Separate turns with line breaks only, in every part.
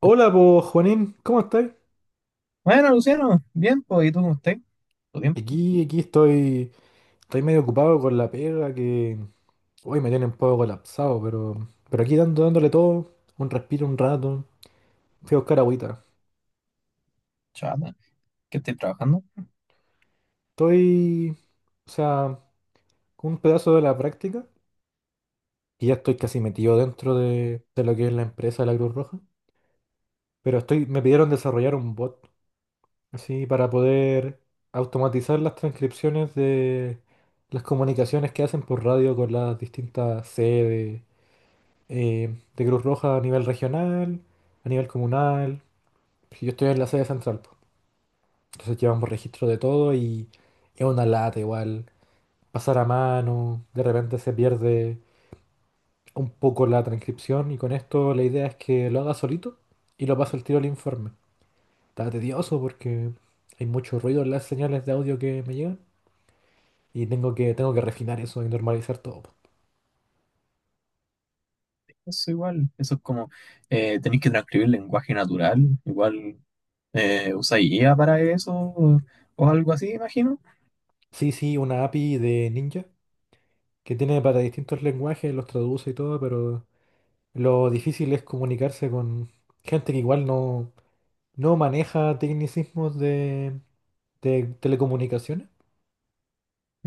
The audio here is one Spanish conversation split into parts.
Hola, pues Juanín, ¿cómo estáis?
Bueno, Luciano, bien, pues, ¿y tú cómo estás? ¿Todo bien?
Aquí estoy medio ocupado con la pega que hoy me tiene un poco colapsado, pero aquí dándole todo, un respiro, un rato, fui a buscar agüita.
Chaval, ¿qué estáis trabajando?
Estoy, o sea, con un pedazo de la práctica y ya estoy casi metido dentro de lo que es la empresa de la Cruz Roja, pero estoy, me pidieron desarrollar un bot, así, para poder automatizar las transcripciones de las comunicaciones que hacen por radio con las distintas sedes de Cruz Roja a nivel regional, a nivel comunal. Yo estoy en la sede central, po. Entonces llevamos registro de todo y es una lata igual. Pasar a mano, de repente se pierde un poco la transcripción y con esto la idea es que lo haga solito y lo paso el tiro al informe. Está tedioso porque hay mucho ruido en las señales de audio que me llegan y tengo que refinar eso y normalizar todo, po.
Eso igual, eso es como, tenéis que transcribir lenguaje natural, igual usáis IA para eso o algo así, imagino.
Sí, sí, una API de Ninja que tiene para distintos lenguajes, los traduce y todo, pero lo difícil es comunicarse con gente que igual no maneja tecnicismos de telecomunicaciones,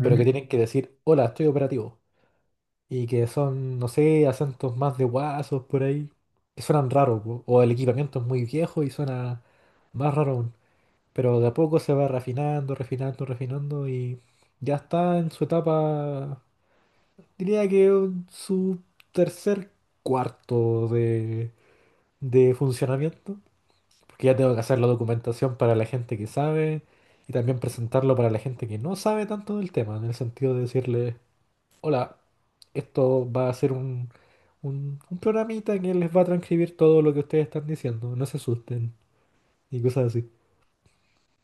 pero que tienen que decir, hola, estoy operativo. Y que son, no sé, acentos más de guasos por ahí, que suenan raros, po, o el equipamiento es muy viejo y suena más raro aún. Pero de a poco se va refinando, refinando, refinando y ya está en su etapa, diría que en su tercer cuarto de funcionamiento. Porque ya tengo que hacer la documentación para la gente que sabe y también presentarlo para la gente que no sabe tanto del tema, en el sentido de decirle, hola, esto va a ser un programita que les va a transcribir todo lo que ustedes están diciendo, no se asusten y cosas así.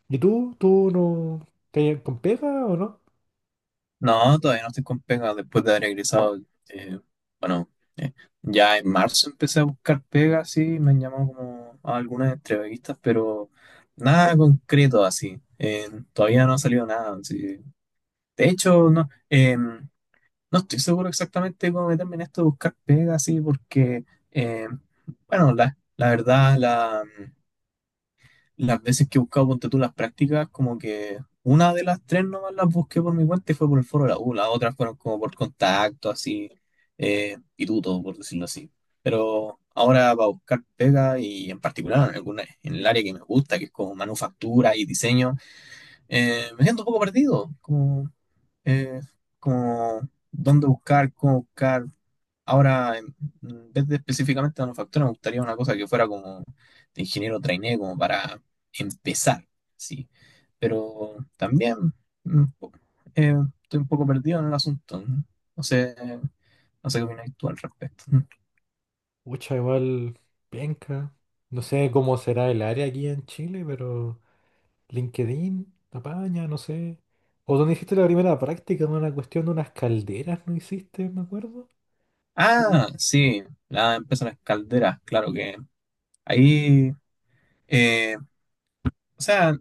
¿Y tú? ¿Tú no te con pega o no?
No, todavía no estoy con pega después de haber egresado. eh, bueno, eh, ya en marzo empecé a buscar pega, sí, me han llamado como a algunas entrevistas, pero nada concreto así. Todavía no ha salido nada. Sí. De hecho, no. No estoy seguro exactamente cómo meterme en esto de buscar pega, así, porque, eh, bueno, la verdad, las veces que he buscado, ponte tú, las prácticas, como que una de las tres nomás las busqué por mi cuenta y fue por el foro de la U, las otras fueron como por contacto, así, pituto, por decirlo así. Pero ahora para buscar pega y en particular en el área que me gusta, que es como manufactura y diseño, me siento un poco perdido, eh, como dónde buscar, cómo buscar. Ahora, en vez de específicamente manufactura, me gustaría una cosa que fuera como de ingeniero trainee, como para empezar, sí. Pero también mm, po- eh, estoy un poco perdido en el asunto. No No sé, no sé qué opinas tú al respecto.
Ucha, igual, penca. No sé cómo será el área aquí en Chile, pero. LinkedIn, Apaña, no sé. O donde hiciste la primera práctica, en una cuestión de unas calderas, ¿no hiciste? Me acuerdo. Sí.
Ah, sí, la empresa de las calderas, claro que ahí, eh, o sea,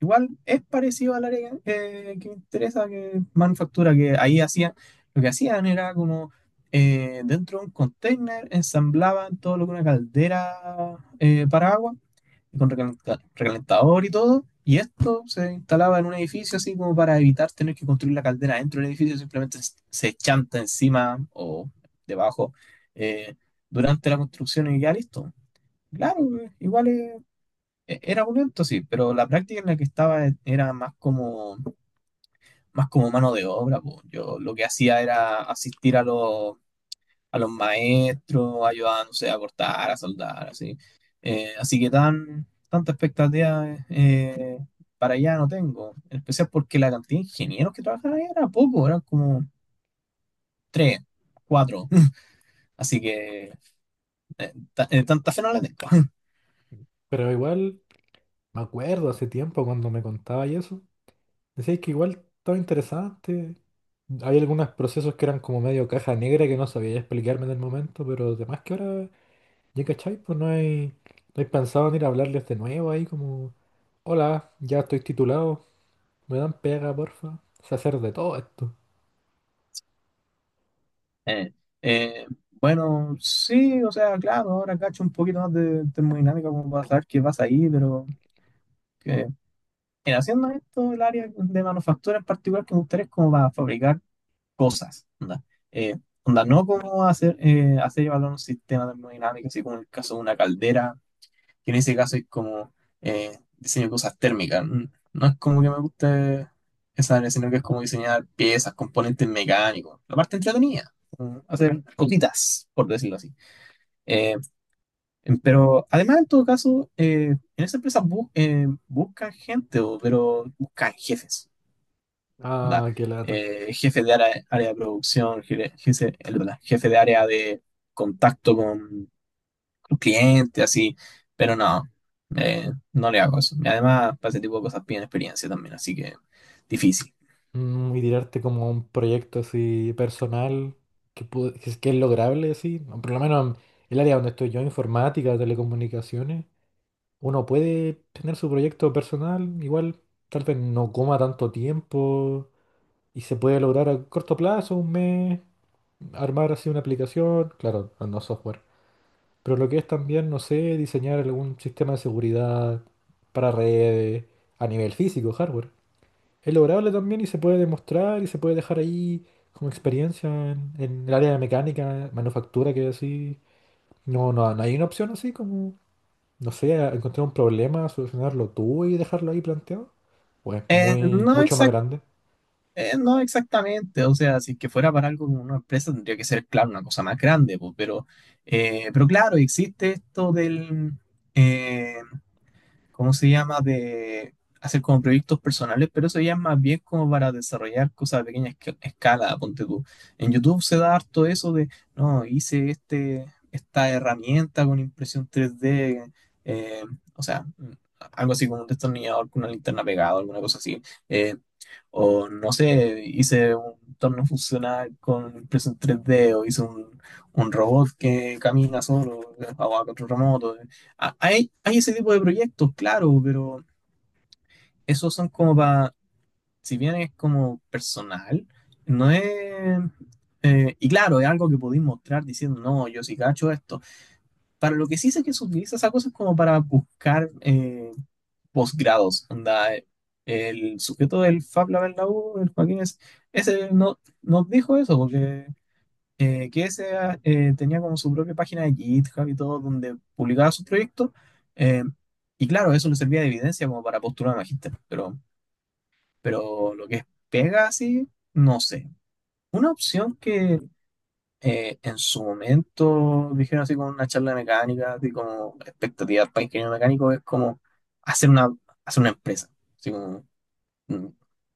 igual es parecido al área que me interesa, que es manufactura, que ahí hacían, lo que hacían era como dentro de un container ensamblaban todo lo que una caldera para agua, con recalentador y todo, y esto se instalaba en un edificio así como para evitar tener que construir la caldera dentro del edificio, simplemente se chanta encima o debajo eh, durante la construcción y ya listo. Claro, igual es era un evento, sí, pero la práctica en la que estaba más como mano de obra. Po. Yo lo que hacía era asistir a a los maestros, ayudar, no sé, a cortar, a soldar, así. Así que tanta expectativa para allá no tengo. En especial porque la cantidad de ingenieros que trabajaban ahí era poco, eran como tres, cuatro. Así que tanta fe no la tengo.
Pero igual, me acuerdo hace tiempo cuando me contaba y eso. Decías que igual estaba interesante. Hay algunos procesos que eran como medio caja negra que no sabía explicarme en el momento, pero además que ahora, ya cachai, pues no hay pensado en ir a hablarles de nuevo ahí como, hola, ya estoy titulado, me dan pega, porfa. Sé hacer de todo esto.
Eh, eh, bueno, sí, o sea, claro, ahora cacho un poquito más de termodinámica como para saber qué pasa ahí, pero que, en haciendo esto, el área de manufactura en particular que me gustaría es como para fabricar cosas, onda, Eh, onda, no como hacer y evaluar un sistema termodinámico, así como en el caso de una caldera, que en ese caso es como diseño de cosas térmicas. No es como que me guste esa área, sino que es como diseñar piezas, componentes mecánicos, la parte entretenida, como hacer cositas, por decirlo así. Eh, pero además, en todo caso, en esa empresa buscan gente, pero buscan jefes, ¿verdad?
Ah, qué lata.
Jefe de área, área de producción, jefe de área de contacto un cliente, así, pero no, no le hago eso. Y además, para ese tipo de cosas piden experiencia también, así que difícil.
Mm, y tirarte como a un proyecto así personal que, que es lograble, sí. O por lo menos en el área donde estoy yo, informática, telecomunicaciones, uno puede tener su proyecto personal, igual tal vez no coma tanto tiempo y se puede lograr a corto plazo, un mes, armar así una aplicación, claro, no software. Pero lo que es también, no sé, diseñar algún sistema de seguridad para redes a nivel físico, hardware es lograble también y se puede demostrar y se puede dejar ahí como experiencia en el área de mecánica, manufactura, que así. No, no, no hay una opción así como, no sé, encontrar un problema, solucionarlo tú y dejarlo ahí planteado. Pues
Eh,
muy,
no
mucho más
exact-
grande.
no exactamente, o sea, si es que fuera para algo como una empresa tendría que ser, claro, una cosa más grande, po, pero claro, existe esto del, eh, ¿cómo se llama? De hacer como proyectos personales, pero eso ya es más bien como para desarrollar cosas a pequeña escala, ponte tú. En YouTube se da harto eso de, no, esta herramienta con impresión 3D, eh, o sea, mm, algo así como un destornillador con una linterna pegada, alguna cosa así. Eh, o no sé, hice un torno funcional con impresión 3D, o un robot que camina solo, o a control remoto. Ah, hay ese tipo de proyectos, claro, pero esos son como para, si bien es como personal, no es... y claro, es algo que podéis mostrar diciendo, no, yo sí cacho esto. Para lo que sí sé que se utiliza esa cosa es como para buscar posgrados. Onda, el sujeto del Fab Lab en la U, el Joaquín, ese no, nos dijo eso, porque que ese tenía como su propia página de GitHub y todo, donde publicaba sus proyectos. eh, y claro, eso le servía de evidencia como para postular a magíster, pero lo que es pega así, no sé. Una opción que en su momento dijeron así con una charla de mecánica, así como expectativas para ingeniero mecánico, es como hacer una, hacer una empresa, mm,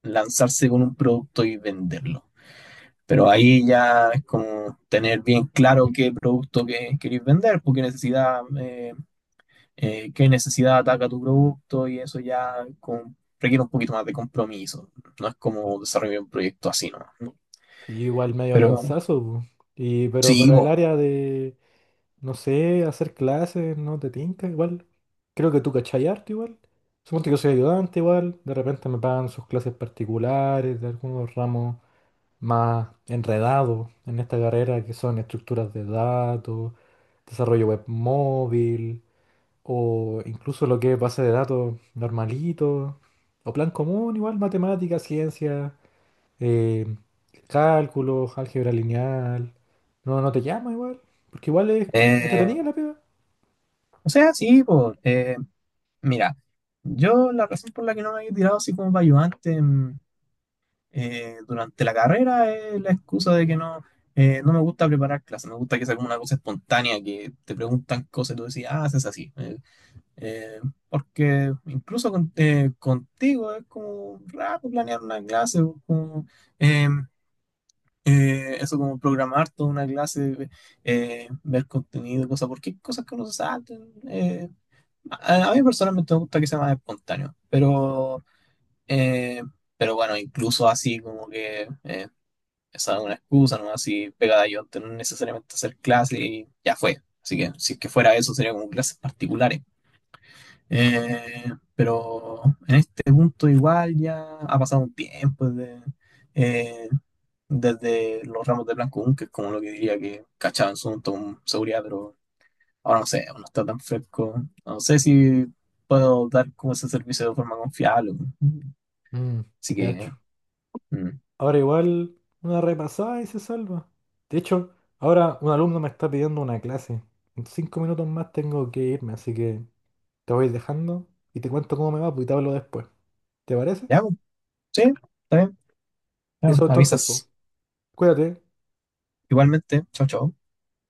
lanzarse con un producto y venderlo. Pero ahí ya es como tener bien claro qué producto que queréis vender, porque necesidad, qué necesidad ataca tu producto y eso ya requiere un poquito más de compromiso. No es como desarrollar un proyecto así, ¿no?
Sí, igual medio
Pero
lanzazo, pu. Pero
sí,
para el
po.
área de, no sé, hacer clases, no te tinca, igual. Creo que tú cachai harto igual. Suponte que soy ayudante igual. De repente me pagan sus clases particulares de algunos ramos más enredado en esta carrera, que son estructuras de datos, desarrollo web móvil, o incluso lo que es base de datos normalito, o plan común, igual matemáticas, ciencia, eh, cálculos, álgebra lineal. No, no te llama igual, porque igual es
Eh,
entretenida la pega.
o sea, sí, po. Mira, yo la razón por la que no me había tirado así como para ayudante, durante la carrera es la excusa de que no, no me gusta preparar clases, me gusta que sea como una cosa espontánea, que te preguntan cosas y tú decís, ah, haces así. Eh, Porque incluso contigo es como raro planear una clase, o como, eh, eso como programar toda una clase, ver contenido, cosas, porque hay cosas que no se saltan. A mí personalmente me gusta que sea más espontáneo, eh, pero bueno, incluso así como que esa es una excusa, ¿no? Así pegada yo, no necesariamente hacer clase y ya fue. Así que si es que fuera eso, sería como clases particulares. Eh, pero en este punto igual ya ha pasado un tiempo desde, eh, desde los ramos de Blanco 1, que es como lo que diría que cachaba en su momento con seguridad, pero ahora no sé, no está tan fresco. No sé si puedo dar como ese servicio de forma confiable.
Mm,
Así
te
que,
cacho.
mm,
Ahora igual una repasada y se salva. De hecho, ahora un alumno me está pidiendo una clase. En 5 minutos más tengo que irme, así que te voy dejando y te cuento cómo me va, pues, y te hablo después. ¿Te parece?
ya, pues, sí, está bien, ya,
Eso
pues, me
entonces, pues.
avisas.
Cuídate.
Igualmente, chao, chao.